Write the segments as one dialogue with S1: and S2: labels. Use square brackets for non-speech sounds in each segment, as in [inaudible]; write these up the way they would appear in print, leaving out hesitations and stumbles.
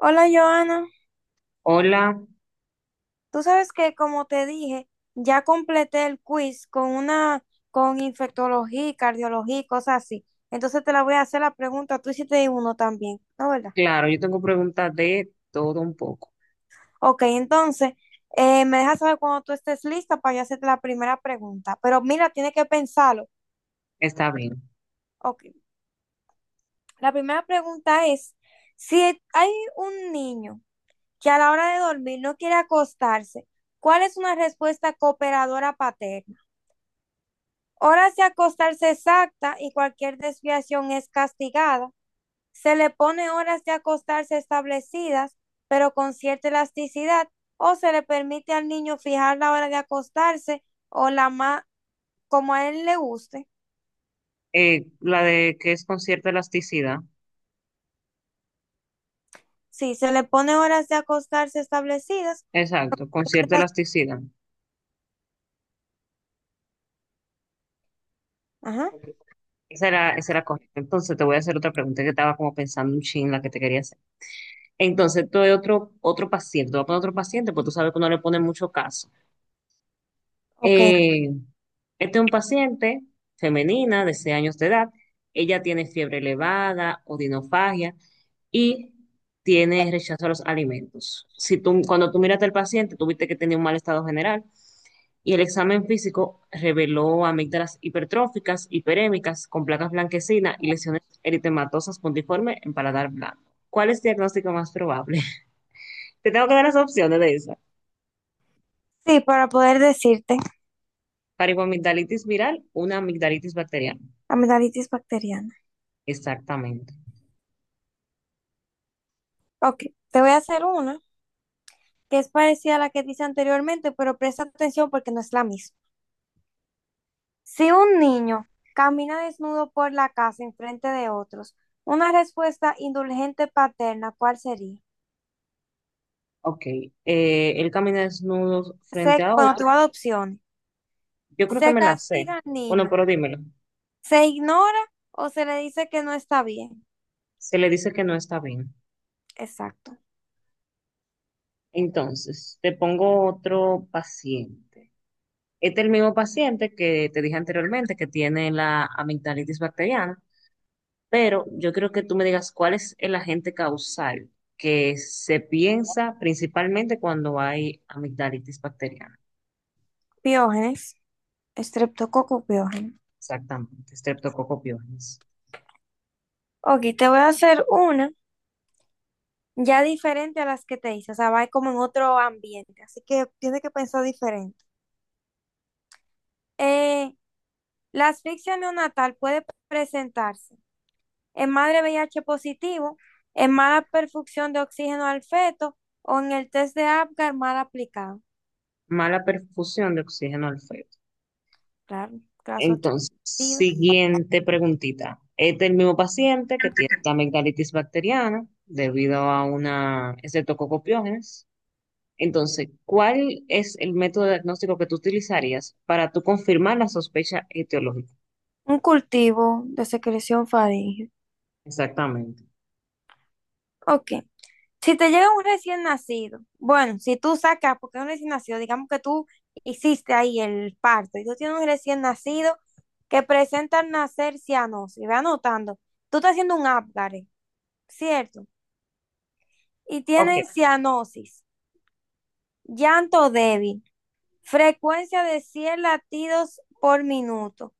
S1: Hola Joana,
S2: Hola,
S1: tú sabes que como te dije, ya completé el quiz con infectología, y cardiología y cosas así. Entonces te la voy a hacer la pregunta, tú hiciste uno también, ¿no verdad?
S2: claro, yo tengo preguntas de todo un poco.
S1: Ok, entonces me dejas saber cuando tú estés lista para yo hacerte la primera pregunta. Pero mira, tienes que pensarlo.
S2: Está bien.
S1: Ok, la primera pregunta es, si hay un niño que a la hora de dormir no quiere acostarse, ¿cuál es una respuesta cooperadora paterna? Horas de acostarse exacta y cualquier desviación es castigada. Se le pone horas de acostarse establecidas, pero con cierta elasticidad, o se le permite al niño fijar la hora de acostarse o la más como a él le guste.
S2: La de qué es con cierta elasticidad.
S1: Sí, se le pone horas de acostarse establecidas.
S2: Exacto, con cierta elasticidad.
S1: Ajá.
S2: Ok. Esa era correcta. Entonces te voy a hacer otra pregunta que estaba como pensando un chin la que te quería hacer. Entonces, tú de otro paciente, te voy a poner otro paciente, porque tú sabes que no le ponen mucho caso.
S1: Ok.
S2: Eh, este es un paciente femenina de 6 años de edad. Ella tiene fiebre elevada, odinofagia y tiene rechazo a los alimentos. Si tú, cuando tú miraste al paciente, tuviste que tenía un mal estado general y el examen físico reveló amígdalas hipertróficas, hiperémicas, con placas blanquecinas y lesiones eritematosas puntiformes en paladar blanco. ¿Cuál es el diagnóstico más probable? [laughs] Te tengo que dar las opciones de esa.
S1: Sí, para poder decirte
S2: Faringoamigdalitis viral, una amigdalitis bacteriana.
S1: amigdalitis bacteriana.
S2: Exactamente.
S1: Ok, te voy a hacer una que es parecida a la que dice anteriormente, pero presta atención porque no es la misma. Si un niño camina desnudo por la casa en frente de otros, una respuesta indulgente paterna, ¿cuál sería?
S2: Ok. Él camina desnudo frente a
S1: Bueno, te
S2: otro.
S1: voy a dar opciones.
S2: Yo creo que
S1: Se
S2: me la sé.
S1: castiga al
S2: Bueno,
S1: niño,
S2: pero dímelo.
S1: se ignora o se le dice que no está bien.
S2: Se le dice que no está bien.
S1: Exacto.
S2: Entonces, te pongo otro paciente. Este es el mismo paciente que te dije anteriormente que tiene la amigdalitis bacteriana, pero yo creo que tú me digas cuál es el agente causal que se piensa principalmente cuando hay amigdalitis bacteriana.
S1: Piógenes, estreptococo piógeno.
S2: Exactamente, Streptococcus pyogenes.
S1: Ok, te voy a hacer una ya diferente a las que te hice, o sea, va como en otro ambiente, así que tienes que pensar diferente. Eh, la asfixia neonatal puede presentarse en madre VIH positivo, en mala perfusión de oxígeno al feto o en el test de Apgar mal aplicado.
S2: Mala perfusión de oxígeno al feto.
S1: Claro, caso
S2: Entonces,
S1: atribuido.
S2: siguiente preguntita. Este es el mismo paciente que tiene la amigdalitis bacteriana debido a una estreptococcus. Entonces, ¿cuál es el método diagnóstico que tú utilizarías para tú confirmar la sospecha etiológica?
S1: Un cultivo de secreción faríngea.
S2: Exactamente.
S1: Ok. Si te llega un recién nacido, bueno, si tú sacas, porque es un recién nacido, digamos que tú hiciste ahí el parto y tú tienes un recién nacido que presenta al nacer cianosis, ve anotando, tú estás haciendo un Apgar, ¿cierto? Y
S2: Ok,
S1: tiene cianosis. Llanto débil. Frecuencia de 100 latidos por minuto.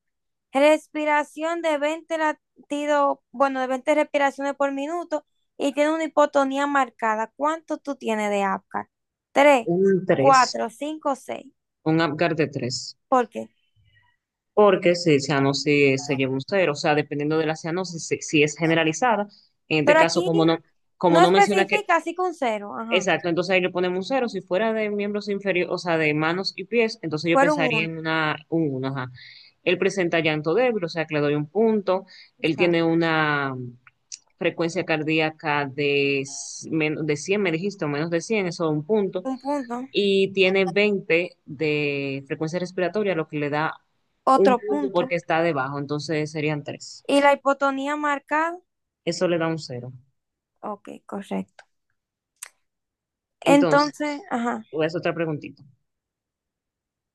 S1: Respiración de 20 latidos, bueno, de 20 respiraciones por minuto y tiene una hipotonía marcada. ¿Cuánto tú tienes de apgar? 3,
S2: un tres,
S1: 4, 5, 6.
S2: un Apgar de tres.
S1: ¿Por qué?
S2: Porque si cianosis se lleva un cero, o sea, dependiendo de la cianosis, si, si es generalizada, en este
S1: Pero
S2: caso,
S1: aquí
S2: como
S1: no
S2: no menciona que,
S1: especifica, así que un cero. Ajá.
S2: exacto, entonces ahí le ponemos un cero. Si fuera de miembros inferiores, o sea, de manos y pies, entonces yo
S1: Fueron
S2: pensaría
S1: uno.
S2: en un 1, ajá. Él presenta llanto débil, o sea, que le doy un punto. Él tiene una frecuencia cardíaca de 100 me dijiste, o menos de 100, eso es un punto,
S1: Un punto,
S2: y tiene 20 de frecuencia respiratoria, lo que le da un
S1: otro
S2: punto porque
S1: punto.
S2: está debajo, entonces serían tres.
S1: Y la hipotonía marcada.
S2: Eso le da un cero.
S1: Ok, correcto.
S2: Entonces,
S1: Entonces, ajá.
S2: voy a hacer otra preguntita.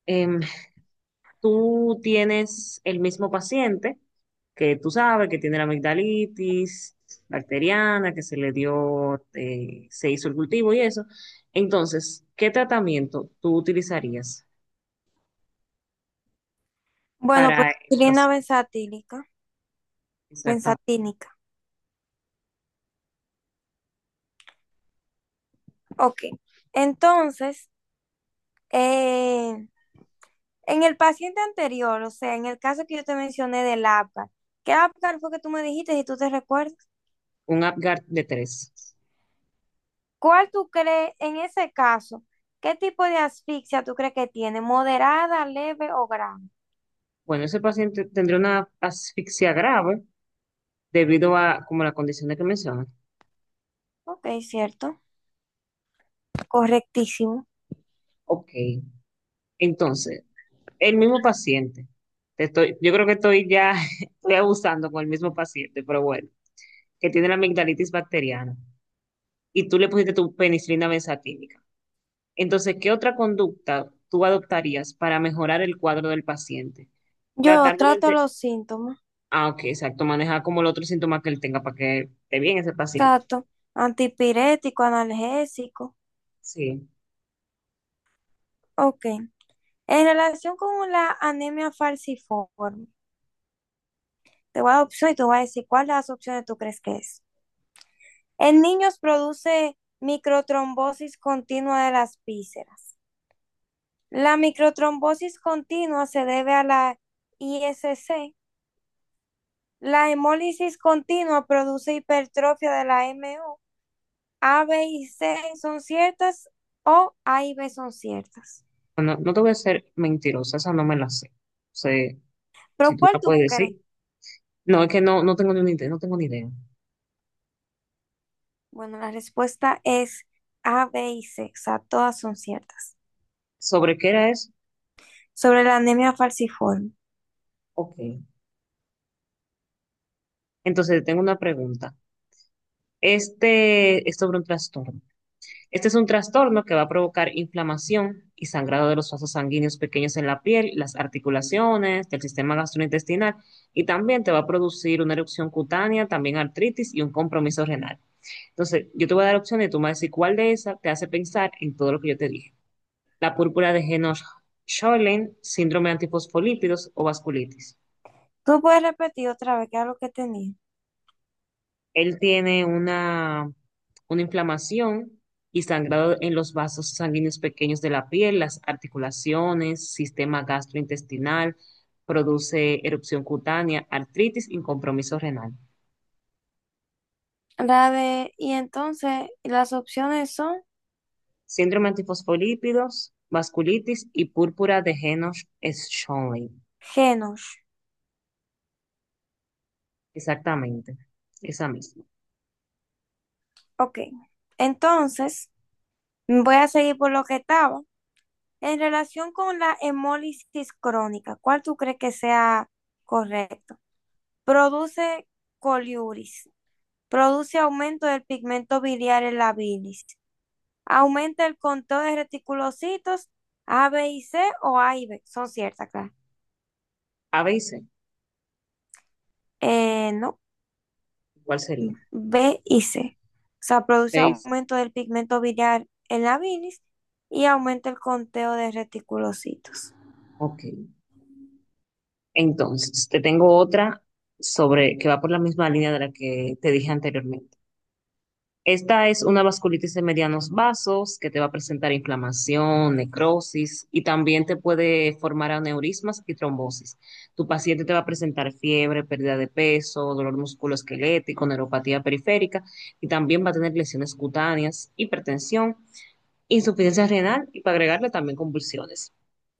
S2: Em, Tú tienes el mismo paciente que tú sabes que tiene la amigdalitis bacteriana, que se le dio, se hizo el cultivo y eso. Entonces, ¿qué tratamiento tú utilizarías?
S1: Bueno, pues
S2: Para el.
S1: insulina benzatílica,
S2: Exactamente.
S1: benzatínica. Ok. Entonces, eh, en el paciente anterior, o sea, en el caso que yo te mencioné del Apgar, ¿qué Apgar fue que tú me dijiste, si tú te recuerdas?
S2: Un Apgar de tres.
S1: ¿Cuál tú crees, en ese caso, qué tipo de asfixia tú crees que tiene? ¿Moderada, leve o grave?
S2: Bueno, ese paciente tendría una asfixia grave debido a como la condición de que mencionas.
S1: Ok, cierto. Correctísimo.
S2: Ok. Entonces, el mismo paciente. Te estoy, yo creo que estoy ya [laughs] estoy abusando con el mismo paciente, pero bueno, que tiene la amigdalitis bacteriana y tú le pusiste tu penicilina benzatínica. Entonces, ¿qué otra conducta tú adoptarías para mejorar el cuadro del paciente?
S1: Yo
S2: Tratar
S1: trato
S2: durante.
S1: los síntomas.
S2: Ah, ok, exacto. Maneja como el otro síntoma que él tenga para que esté bien ese paciente.
S1: Trato antipirético, analgésico.
S2: Sí.
S1: Ok. En relación con la anemia falciforme, te voy a dar opciones y te voy a decir cuál de las opciones tú crees que es. En niños produce microtrombosis continua de las vísceras. La microtrombosis continua se debe a la ISC. La hemólisis continua produce hipertrofia de la MO. A, B y C son ciertas o A y B son ciertas.
S2: Bueno, no te voy a ser mentirosa, esa no me la sé. O sea, si
S1: ¿Pero
S2: tú me
S1: cuál
S2: la
S1: tú
S2: puedes
S1: crees?
S2: decir. No, es que no, no tengo ni una idea, no tengo ni idea.
S1: Bueno, la respuesta es A, B y C, o sea, todas son ciertas.
S2: ¿Sobre qué era eso?
S1: Sobre la anemia falciforme.
S2: Ok. Entonces, tengo una pregunta. Este es sobre un trastorno. Este es un trastorno que va a provocar inflamación y sangrado de los vasos sanguíneos pequeños en la piel, las articulaciones, del sistema gastrointestinal y también te va a producir una erupción cutánea, también artritis y un compromiso renal. Entonces, yo te voy a dar opciones, tú me vas a decir cuál de esas te hace pensar en todo lo que yo te dije. La púrpura de henoch Schönlein, síndrome de antifosfolípidos o vasculitis.
S1: Tú puedes repetir otra vez qué era lo que tenía.
S2: Él tiene una inflamación y sangrado en los vasos sanguíneos pequeños de la piel, las articulaciones, sistema gastrointestinal, produce erupción cutánea, artritis y compromiso renal.
S1: Y entonces las opciones son
S2: Síndrome de antifosfolípidos, vasculitis y púrpura de henoch Schönlein.
S1: genos.
S2: Exactamente, esa misma.
S1: Ok, entonces voy a seguir por lo que estaba. En relación con la hemólisis crónica, ¿cuál tú crees que sea correcto? Produce coliuris, produce aumento del pigmento biliar en la bilis, aumenta el conteo de reticulocitos. A, B y C o A y B. Son ciertas, claro.
S2: A veces,
S1: No,
S2: ¿cuál sería?
S1: B y C. O sea, produce
S2: Seis.
S1: aumento del pigmento biliar en la bilis y aumenta el conteo de reticulocitos.
S2: Ok. Entonces, te tengo otra sobre que va por la misma línea de la que te dije anteriormente. Esta es una vasculitis de medianos vasos que te va a presentar inflamación, necrosis y también te puede formar aneurismas y trombosis. Tu paciente te va a presentar fiebre, pérdida de peso, dolor musculoesquelético, neuropatía periférica y también va a tener lesiones cutáneas, hipertensión, insuficiencia renal y para agregarle también convulsiones.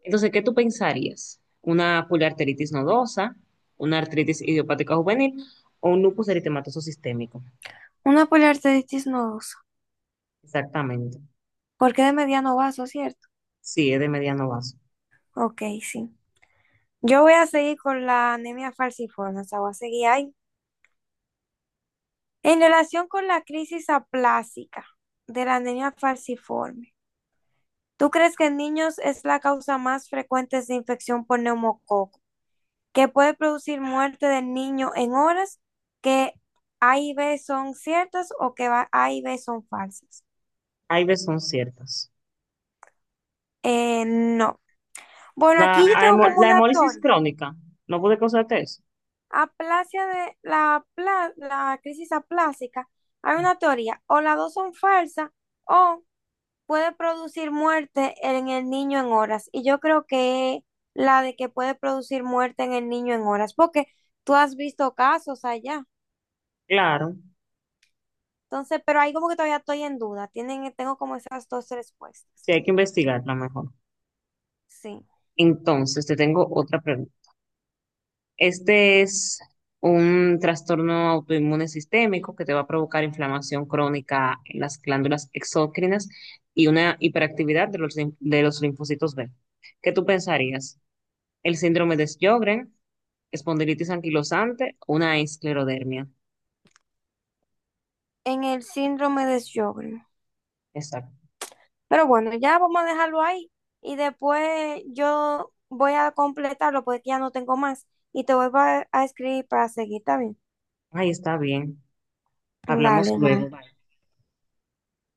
S2: Entonces, ¿qué tú pensarías? ¿Una poliarteritis nodosa, una artritis idiopática juvenil o un lupus eritematoso sistémico?
S1: Una poliarteritis nodosa.
S2: Exactamente.
S1: Porque de mediano vaso, ¿cierto?
S2: Sí, es de mediano vaso.
S1: Ok, sí. Yo voy a seguir con la anemia falciforme, o sea, voy a seguir ahí. En relación con la crisis aplásica de la anemia falciforme, ¿tú crees que en niños es la causa más frecuente de infección por neumococo, que puede producir muerte del niño en horas, que A y B son ciertas o que A y B son falsas?
S2: Hay veces son ciertas.
S1: No. Bueno,
S2: La,
S1: aquí yo tengo como
S2: la
S1: una
S2: hemólisis
S1: teoría.
S2: crónica, ¿no puede causarte eso?
S1: Aplasia de la, pla la crisis aplásica, hay una teoría. O las dos son falsas o puede producir muerte en el niño en horas. Y yo creo que la de que puede producir muerte en el niño en horas, porque tú has visto casos allá.
S2: Claro,
S1: Entonces, pero ahí como que todavía estoy en duda. Tengo como esas dos respuestas.
S2: sí hay que investigarla mejor.
S1: Sí,
S2: Entonces, te tengo otra pregunta. Este es un trastorno autoinmune sistémico que te va a provocar inflamación crónica en las glándulas exócrinas y una hiperactividad de de los linfocitos B. ¿Qué tú pensarías? ¿El síndrome de Sjögren, espondilitis anquilosante, una esclerodermia?
S1: en el síndrome de Sjögren.
S2: Exacto.
S1: Pero bueno, ya vamos a dejarlo ahí y después yo voy a completarlo porque ya no tengo más y te voy a, escribir para seguir también.
S2: Ahí está bien. Hablamos
S1: Dale,
S2: luego.
S1: bye.
S2: Bye.